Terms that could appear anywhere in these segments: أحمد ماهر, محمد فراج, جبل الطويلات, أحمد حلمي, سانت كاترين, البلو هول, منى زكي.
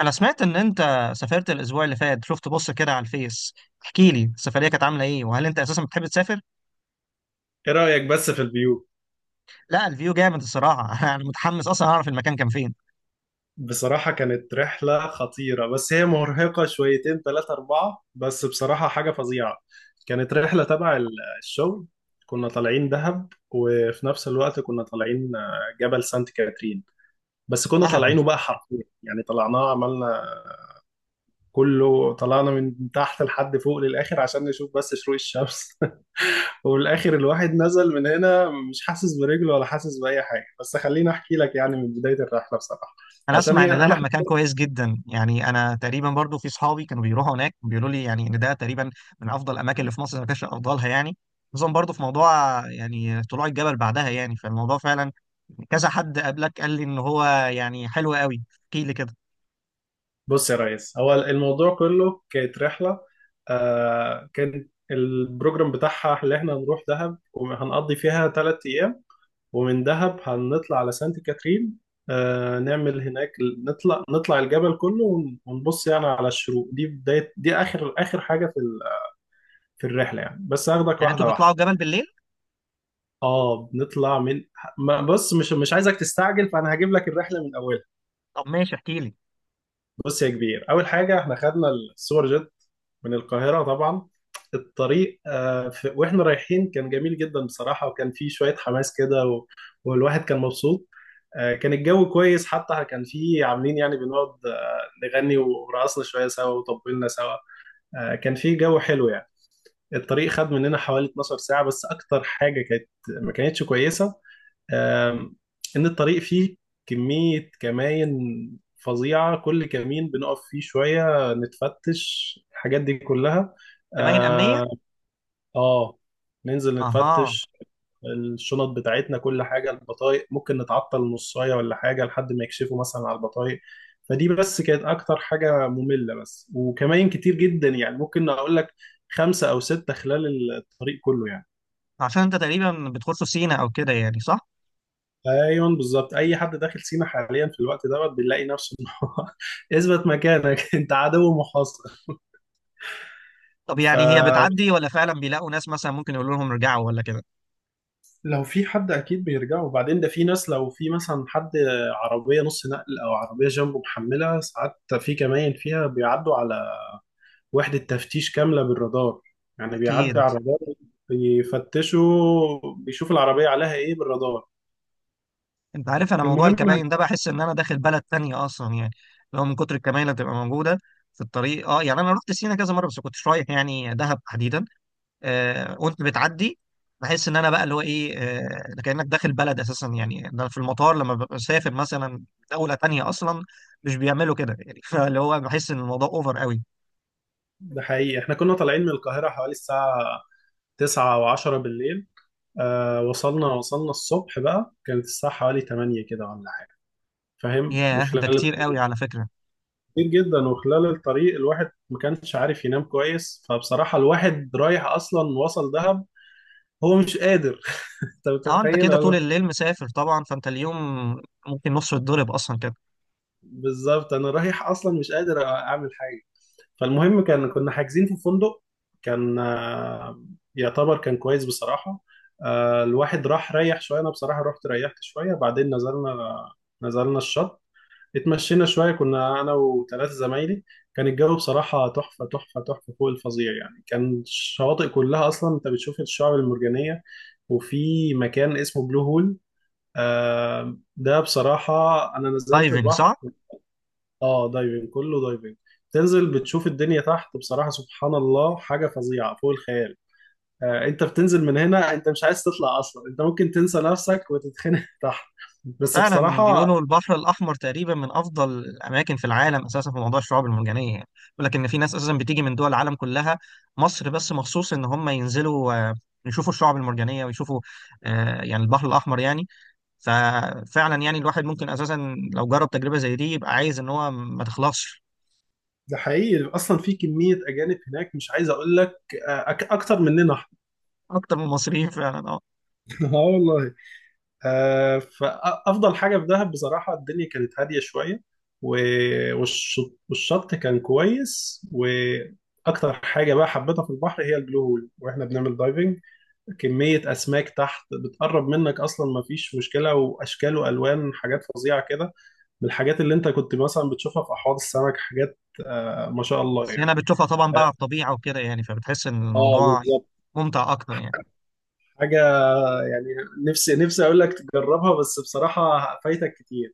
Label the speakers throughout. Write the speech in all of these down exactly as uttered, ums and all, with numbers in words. Speaker 1: انا سمعت ان انت سافرت الاسبوع اللي فات. شفت؟ بص كده على الفيس. احكي لي، السفريه كانت عامله ايه؟ وهل انت اساسا بتحب تسافر؟
Speaker 2: ايه رأيك بس في الفيو؟
Speaker 1: لا، الفيو جامد الصراحه. انا متحمس اصلا اعرف المكان كان فين.
Speaker 2: بصراحة كانت رحلة خطيرة، بس هي مرهقة شويتين ثلاثة أربعة، بس بصراحة حاجة فظيعة. كانت رحلة تبع ال- الشغل. كنا طالعين دهب وفي نفس الوقت كنا طالعين آه، جبل سانت كاترين. بس كنا
Speaker 1: دهب.
Speaker 2: طالعينه بقى حرفيا، يعني طلعناه عملنا كله، طلعنا من تحت لحد فوق للآخر عشان نشوف بس شروق الشمس. وفي الآخر الواحد نزل من هنا مش حاسس برجله ولا حاسس بأي حاجة، بس خليني أحكي لك يعني من بداية الرحلة بصراحة.
Speaker 1: انا
Speaker 2: عشان
Speaker 1: اسمع
Speaker 2: هي
Speaker 1: ان دهب
Speaker 2: انا،
Speaker 1: مكان كويس جدا، يعني انا تقريبا برضو في صحابي كانوا بيروحوا هناك بيقولوا لي يعني ان ده تقريبا من افضل الاماكن اللي في مصر، ما كانش افضلها يعني. خصوصا برضو في موضوع يعني طلوع الجبل بعدها، يعني فالموضوع فعلا كذا حد قبلك قال لي ان هو يعني حلو قوي. احكي لي كده.
Speaker 2: بص يا ريس، هو الموضوع كله كانت رحلة. آه كان البروجرام بتاعها اللي احنا هنروح دهب وهنقضي فيها ثلاث أيام، ومن دهب هنطلع على سانت كاترين، آه نعمل هناك، نطلع نطلع الجبل كله ون- ونبص يعني على الشروق. دي بداية، دي آخر آخر حاجة في ال- في الرحلة، يعني بس هاخدك
Speaker 1: يعني انتوا
Speaker 2: واحدة واحدة.
Speaker 1: بتطلعوا الجبل بالليل؟
Speaker 2: اه بنطلع من ما- بص، مش مش عايزك تستعجل، فأنا هجيب لك الرحلة من أولها.
Speaker 1: طب ماشي، احكي لي.
Speaker 2: بص يا كبير، اول حاجه احنا خدنا السوبر جيت من القاهره طبعا. الطريق آه، في- واحنا رايحين كان جميل جدا بصراحه، وكان فيه شويه حماس كده و- والواحد كان مبسوط. آه، كان الجو كويس، حتى كان فيه عاملين يعني بنقعد آه، نغني، ورقصنا شويه سوا وطبلنا سوا. آه، كان فيه جو حلو يعني. الطريق خد مننا حوالي 12 ساعة، بس أكتر حاجة كانت ما كانتش كويسة، آم، إن الطريق فيه كمية كماين فظيعة. كل كمين بنقف فيه شوية نتفتش الحاجات دي كلها.
Speaker 1: كمائن امنيه.
Speaker 2: آه آه، ننزل
Speaker 1: اها.
Speaker 2: نتفتش الشنط بتاعتنا كل حاجه، البطايق ممكن نتعطل نصايه ولا حاجه لحد ما يكشفوا مثلا على البطايق. فدي بس كانت اكتر حاجه ممله، بس وكمان كتير جدا، يعني ممكن اقول لك خمسه او سته خلال الطريق كله يعني.
Speaker 1: عشان انت تقريبا بتخش في سينا او كده، يعني صح؟
Speaker 2: ايوه بالظبط، اي حد داخل سينا حاليا في الوقت دوت بيلاقي نفسه إن هو اثبت مكانك، انت عدو محاصر.
Speaker 1: طب
Speaker 2: ف
Speaker 1: يعني هي بتعدي ولا فعلا بيلاقوا ناس مثلا ممكن يقولوا لهم ارجعوا ولا كده؟
Speaker 2: لو في حد اكيد بيرجعوا، وبعدين ده في ناس لو في مثلا حد عربيه نص نقل او عربيه جنبه محمله ساعات، في كمان فيها بيعدوا على وحده تفتيش كامله بالرادار، يعني بيعدي
Speaker 1: اكيد.
Speaker 2: على الرادار، بيفتشوا بيشوف العربيه عليها ايه بالرادار.
Speaker 1: انت عارف، انا موضوع
Speaker 2: المهم،
Speaker 1: الكمائن ده بحس ان انا داخل بلد تانية اصلا يعني، لو من كتر الكمائن اللي بتبقى موجوده في الطريق. اه يعني انا رحت سينا كذا مره بس كنتش رايح يعني دهب تحديدا. آه وانت بتعدي بحس ان انا بقى اللي هو ايه، آه ده كانك داخل بلد اساسا يعني، ده في المطار لما ببقى مسافر مثلا دوله تانية اصلا مش بيعملوا كده يعني. فاللي هو بحس ان الموضوع اوفر قوي.
Speaker 2: ده حقيقي، احنا كنا طالعين من القاهره حوالي الساعه تسعة او عشرة بالليل. آه وصلنا وصلنا الصبح بقى، كانت الساعه حوالي تمانية كده ولا حاجه، فاهم، من
Speaker 1: ياه، ده
Speaker 2: خلال.
Speaker 1: كتير قوي على فكرة.
Speaker 2: كتير جدا، وخلال الطريق الواحد ما كانش عارف ينام كويس، فبصراحة الواحد رايح أصلا وصل دهب هو مش قادر. أنت
Speaker 1: اه، انت
Speaker 2: متخيل
Speaker 1: كده طول
Speaker 2: ولا؟
Speaker 1: الليل مسافر طبعا، فانت اليوم ممكن نصه يتضرب اصلا كده.
Speaker 2: بالظبط، أنا رايح أصلا مش قادر أعمل حاجة. فالمهم، كان كنا حاجزين في فندق، كان آه، يعتبر كان كويس بصراحة. آه، الواحد راح ريح شوية، أنا بصراحة رحت ريحت شوية، بعدين نزلنا نزلنا الشط، اتمشينا شوية، كنا أنا وثلاثة زمايلي. كان الجو بصراحة تحفة تحفة تحفة فوق الفظيع يعني. كان الشواطئ كلها أصلا أنت بتشوف الشعب المرجانية. وفي مكان اسمه بلو هول، آه ده بصراحة، أنا نزلت
Speaker 1: دايفنج صح؟
Speaker 2: البحر. آه، دايفنج، كله دايفنج. تنزل بتشوف الدنيا تحت، بصراحة سبحان الله حاجة فظيعة فوق الخيال. آه أنت بتنزل من هنا أنت مش عايز تطلع أصلا، أنت ممكن تنسى نفسك وتتخنق تحت، بس
Speaker 1: فعلا
Speaker 2: بصراحة.
Speaker 1: بيقولوا البحر الاحمر تقريبا من افضل الاماكن في العالم اساسا في موضوع الشعاب المرجانية يعني. بيقول لك ان في ناس اساسا بتيجي من دول العالم كلها مصر بس مخصوص ان هم ينزلوا، آه، يشوفوا الشعاب المرجانية ويشوفوا، آه، يعني البحر الاحمر يعني. ففعلا يعني الواحد ممكن اساسا لو جرب تجربة زي دي يبقى عايز ان هو ما تخلصش.
Speaker 2: ده حقيقي، اصلا في كميه اجانب هناك مش عايز اقول لك، آه، أك- اكتر مننا احنا.
Speaker 1: اكتر من المصريين فعلا، اه.
Speaker 2: اه والله. آه، فافضل حاجه في دهب بصراحه الدنيا كانت هاديه شويه، و- والش- والشط كان كويس، واكتر حاجه بقى حبيتها في البحر هي البلو هول، واحنا بنعمل دايفنج كميه اسماك تحت بتقرب منك اصلا ما فيش مشكله، واشكال والوان حاجات فظيعه كده، من الحاجات اللي انت كنت مثلا بتشوفها في احواض السمك، حاجات آه، ما شاء الله
Speaker 1: بس هنا
Speaker 2: يعني.
Speaker 1: بتشوفها طبعا بقى
Speaker 2: آه،
Speaker 1: على الطبيعه وكده يعني، فبتحس ان
Speaker 2: اه
Speaker 1: الموضوع
Speaker 2: بالظبط.
Speaker 1: ممتع اكتر يعني.
Speaker 2: حاجة يعني نفسي نفسي اقول لك تجربها، بس بصراحه فايتك كتير.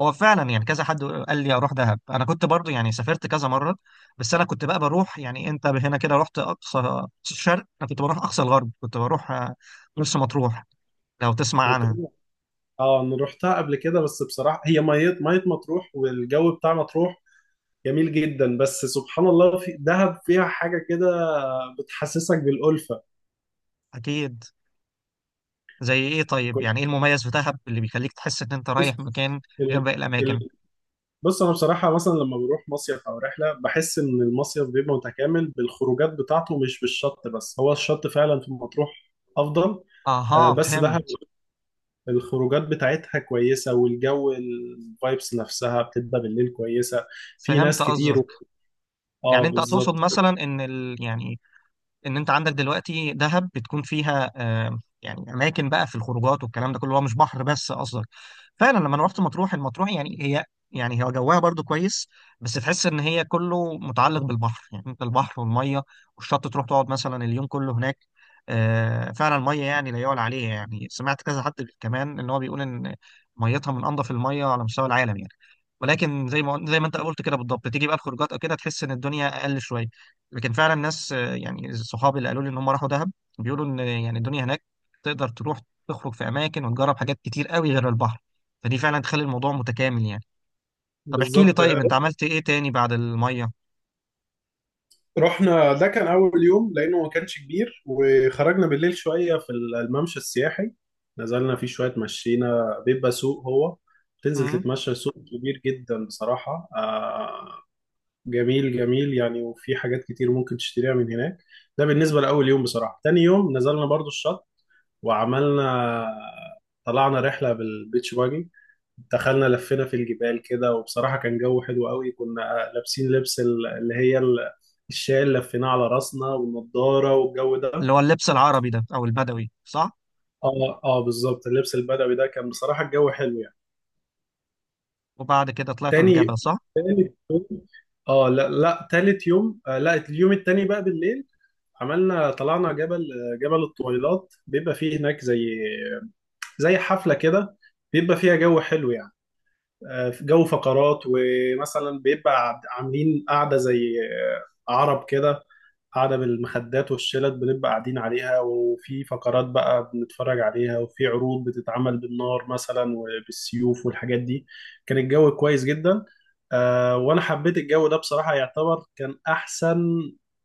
Speaker 1: هو فعلا يعني كذا حد قال لي اروح دهب. انا كنت برضو يعني سافرت كذا مره، بس انا كنت بقى بروح، يعني انت هنا كده رحت اقصى أقصى الشرق، انا كنت بروح اقصى الغرب. كنت بروح آه، مرسى مطروح، لو تسمع عنها.
Speaker 2: مطروح، اه انا رحتها قبل كده، بس بصراحه هي ميه ميه مطروح، والجو بتاع مطروح جميل جدا، بس سبحان الله في دهب فيها حاجه كده بتحسسك بالالفه.
Speaker 1: اكيد. زي ايه طيب؟
Speaker 2: كنت
Speaker 1: يعني ايه المميز في دهب اللي بيخليك تحس ان انت
Speaker 2: بص،
Speaker 1: رايح مكان غير
Speaker 2: ال...
Speaker 1: باقي الاماكن؟
Speaker 2: ال... بص انا بصراحه، مثلا لما بروح مصيف او رحله بحس ان المصيف بيبقى متكامل بالخروجات بتاعته مش بالشط بس، هو الشط فعلا في مطروح افضل. آه،
Speaker 1: اها،
Speaker 2: بس دهب
Speaker 1: فهمت.
Speaker 2: الخروجات بتاعتها كويسة، والجو الفايبس نفسها بتبقى بالليل كويسة، في
Speaker 1: فهمت
Speaker 2: ناس كتير
Speaker 1: قصدك.
Speaker 2: و...
Speaker 1: يعني
Speaker 2: اه
Speaker 1: انت تقصد
Speaker 2: بالظبط
Speaker 1: مثلا ان ال... يعني ان انت عندك دلوقتي دهب بتكون فيها، آه، يعني اماكن بقى في الخروجات والكلام ده كله، هو مش بحر بس قصدك. فعلا لما أنا رحت مطروح، المطروح يعني هي، يعني هو جواها برضو كويس بس تحس ان هي كله متعلق بالبحر، يعني انت البحر والميه والشط، تروح تقعد مثلا اليوم كله هناك. آه، فعلا الميه يعني لا يعلى عليها، يعني سمعت كذا حد كمان ان هو بيقول ان ميتها من انظف الميه على مستوى العالم يعني. ولكن زي ما زي ما انت قلت كده بالضبط، تيجي بقى الخروجات او كده تحس ان الدنيا اقل شويه. لكن فعلا ناس، آه، يعني صحابي اللي قالوا لي ان هم راحوا دهب بيقولوا ان يعني الدنيا هناك تقدر تروح تخرج في اماكن وتجرب حاجات كتير قوي غير البحر، فدي فعلا تخلي الموضوع متكامل يعني. طب احكي لي،
Speaker 2: بالظبط.
Speaker 1: طيب انت عملت ايه تاني بعد الميه؟
Speaker 2: رحنا، ده كان أول يوم لأنه ما كانش كبير، وخرجنا بالليل شوية في الممشى السياحي، نزلنا فيه شوية مشينا، بيبقى سوق، هو تنزل
Speaker 1: امم.
Speaker 2: تتمشى سوق كبير جدا بصراحة، آه جميل جميل يعني، وفي حاجات كتير ممكن تشتريها من هناك. ده بالنسبة لأول يوم. بصراحة تاني يوم نزلنا برضو الشط، وعملنا طلعنا رحلة بالبيتش باجي، دخلنا لفينا في الجبال كده، وبصراحة كان جو حلو قوي. كنا لابسين لبس ال- اللي هي ال- الشال اللي لفيناه على راسنا، والنضارة، والجو ده.
Speaker 1: اللي هو اللبس العربي ده او البدوي، صح؟
Speaker 2: اه اه بالظبط، اللبس البدوي ده كان بصراحة الجو حلو يعني.
Speaker 1: وبعد كده طلعتوا
Speaker 2: تاني
Speaker 1: الجبل صح؟
Speaker 2: يوم اه لا، لا تالت يوم آه لا، اليوم التاني بقى بالليل عملنا طلعنا جبل، آه، جبل الطويلات، بيبقى فيه هناك زي زي حفلة كده، بيبقى فيها جو حلو يعني. آه، في جو فقرات، ومثلا بيبقى عاملين قاعدة زي آه، عرب كده، قاعدة بالمخدات والشلت، بنبقى قاعدين عليها، وفي فقرات بقى بنتفرج عليها، وفي عروض بتتعمل بالنار مثلا وبالسيوف والحاجات دي. كان الجو كويس جدا. آه، وأنا حبيت الجو ده بصراحة، يعتبر كان أحسن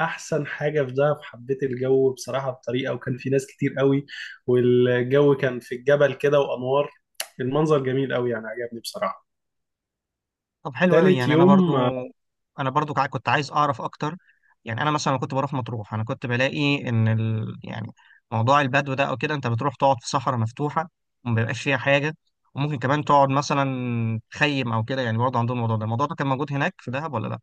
Speaker 2: أحسن حاجة في دهب. حبيت الجو بصراحة بطريقة، وكان في ناس كتير قوي، والجو كان في الجبل كده وأنوار، المنظر جميل قوي يعني، عجبني بصراحة.
Speaker 1: طب حلو قوي
Speaker 2: تالت
Speaker 1: يعني. انا برضو،
Speaker 2: يوم آه،
Speaker 1: انا برضو كع- كنت عايز اعرف اكتر. يعني انا مثلا كنت بروح مطروح، انا كنت بلاقي ان ال... يعني موضوع البدو ده او كده، انت بتروح تقعد في صحراء مفتوحه وما بيبقاش فيها حاجه، وممكن كمان تقعد مثلا تخيم او كده يعني. برضه عندهم الموضوع ده، الموضوع ده كان موجود هناك في دهب ولا لا؟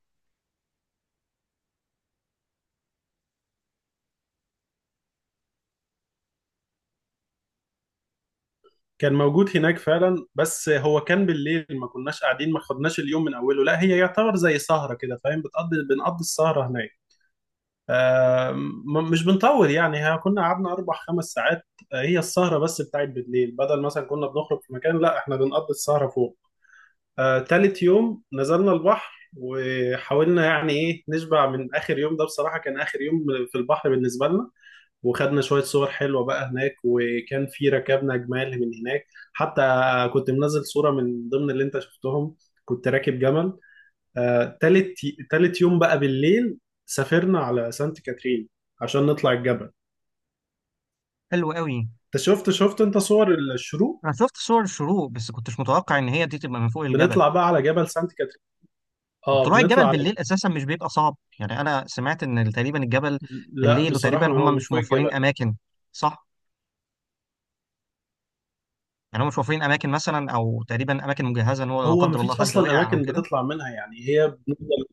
Speaker 2: كان موجود هناك فعلا، بس هو كان بالليل، ما كناش قاعدين، ما خدناش اليوم من اوله، لا هي يعتبر زي سهرة كده، فاهم، بتقضي بنقضي السهرة هناك. آه، م- مش بنطول يعني، ها كنا قعدنا اربع خمس ساعات. آه، هي السهرة بس بتاعت بالليل، بدل مثلا كنا بنخرج في مكان، لا احنا بنقضي السهرة فوق. آه، تالت يوم نزلنا البحر، وحاولنا يعني ايه نشبع من اخر يوم ده، بصراحة كان اخر يوم في البحر بالنسبة لنا. وخدنا شوية صور حلوة بقى هناك، وكان في ركبنا جمال من هناك حتى، كنت منزل صورة من ضمن اللي انت شفتهم، كنت راكب جمل. آه، تالت تالت يوم بقى بالليل سافرنا على سانت كاترين عشان نطلع الجبل.
Speaker 1: حلو قوي.
Speaker 2: انت شفت شفت انت صور الشروق؟
Speaker 1: انا شفت صور الشروق بس كنتش متوقع ان هي دي تبقى من فوق الجبل.
Speaker 2: بنطلع بقى على جبل سانت كاترين، اه
Speaker 1: وطلوع
Speaker 2: بنطلع
Speaker 1: الجبل
Speaker 2: على.
Speaker 1: بالليل اساسا مش بيبقى صعب؟ يعني انا سمعت ان تقريبا الجبل
Speaker 2: لا
Speaker 1: بالليل وتقريبا
Speaker 2: بصراحة هو
Speaker 1: هم
Speaker 2: من
Speaker 1: مش
Speaker 2: فوق الجبل،
Speaker 1: موفرين اماكن، صح؟ يعني هم مش وفرين اماكن مثلا، او تقريبا اماكن مجهزه ان هو لا
Speaker 2: هو
Speaker 1: قدر الله
Speaker 2: مفيش
Speaker 1: حد
Speaker 2: أصلا
Speaker 1: وقع او
Speaker 2: أماكن
Speaker 1: كده.
Speaker 2: بتطلع منها، يعني هي بنفضل.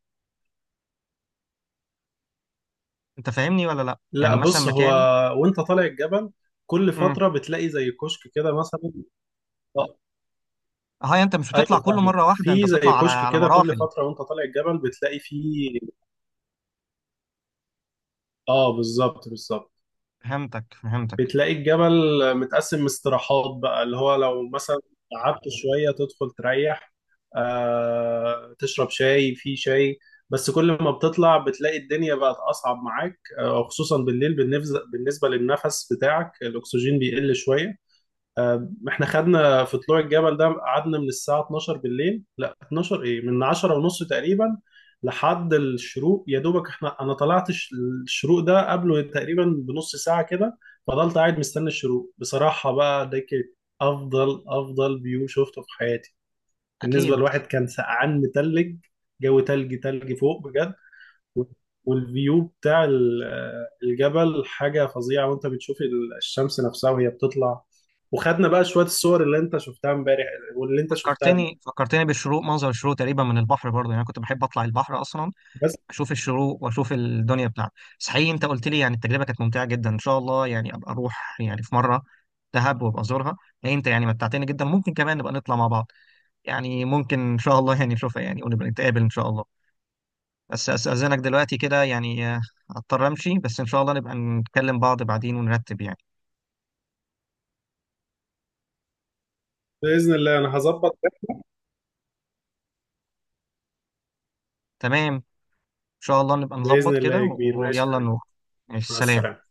Speaker 1: انت فاهمني ولا لا؟ يعني
Speaker 2: لا
Speaker 1: مثلا
Speaker 2: بص، هو
Speaker 1: مكان.
Speaker 2: وأنت طالع الجبل كل
Speaker 1: امم.
Speaker 2: فترة بتلاقي زي كشك كده مثلا. اه.
Speaker 1: هاي، انت مش بتطلع
Speaker 2: ايوه
Speaker 1: كله
Speaker 2: فاهمك،
Speaker 1: مره واحده، انت
Speaker 2: في زي
Speaker 1: بتطلع على
Speaker 2: كشك
Speaker 1: على
Speaker 2: كده كل
Speaker 1: مراحل.
Speaker 2: فتره وانت طالع الجبل بتلاقي فيه. اه بالظبط بالظبط.
Speaker 1: فهمتك فهمتك.
Speaker 2: بتلاقي الجبل متقسم استراحات بقى، اللي هو لو مثلا قعدت شويه تدخل تريح، آه تشرب شاي، في شاي. بس كل ما بتطلع بتلاقي الدنيا بقت اصعب معاك، آه خصوصا بالليل، بالنفز- بالنسبه للنفس بتاعك، الاكسجين بيقل شويه. آه، احنا خدنا في طلوع الجبل ده، قعدنا من الساعة اتناشر بالليل، لا اتناشر ايه، من عشرة ونص تقريبا لحد الشروق، يا دوبك احنا، انا طلعت الش- الشروق ده قبله تقريبا بنص ساعة كده. فضلت قاعد مستني الشروق، بصراحة بقى ده كانت افضل افضل فيو شفته في حياتي. بالنسبة
Speaker 1: اكيد.
Speaker 2: لواحد كان سقعان متلج، جو تلج تلج فوق بجد. والفيو بتاع ال- الجبل حاجة فظيعة، وانت بتشوف ال- الشمس نفسها وهي بتطلع. وخدنا بقى شوية الصور اللي انت شفتها امبارح، واللي انت شفتها دي
Speaker 1: فكرتني فكرتني بالشروق، منظر الشروق تقريبا من البحر برضه، يعني أنا كنت بحب اطلع البحر اصلا
Speaker 2: بس.
Speaker 1: اشوف الشروق واشوف الدنيا بتاعته. بس حقيقي انت قلت لي يعني التجربه كانت ممتعه جدا، ان شاء الله يعني ابقى اروح يعني في مره دهب وابقى ازورها. لا، انت يعني متعتني جدا. ممكن كمان نبقى نطلع مع بعض، يعني ممكن ان شاء الله يعني نشوفها يعني ونبقى نتقابل ان شاء الله. بس أستأذنك دلوقتي كده يعني، آه، هضطر أمشي، بس إن شاء الله نبقى نتكلم بعض بعدين ونرتب يعني.
Speaker 2: بإذن الله انا هظبط ده.
Speaker 1: تمام، إن شاء الله نبقى
Speaker 2: بإذن
Speaker 1: نظبط
Speaker 2: الله
Speaker 1: كده
Speaker 2: يا كبير،
Speaker 1: و-
Speaker 2: ماشي يا
Speaker 1: ويلا
Speaker 2: حبيبي.
Speaker 1: نروح. ماشي،
Speaker 2: مع
Speaker 1: سلام.
Speaker 2: السلامة.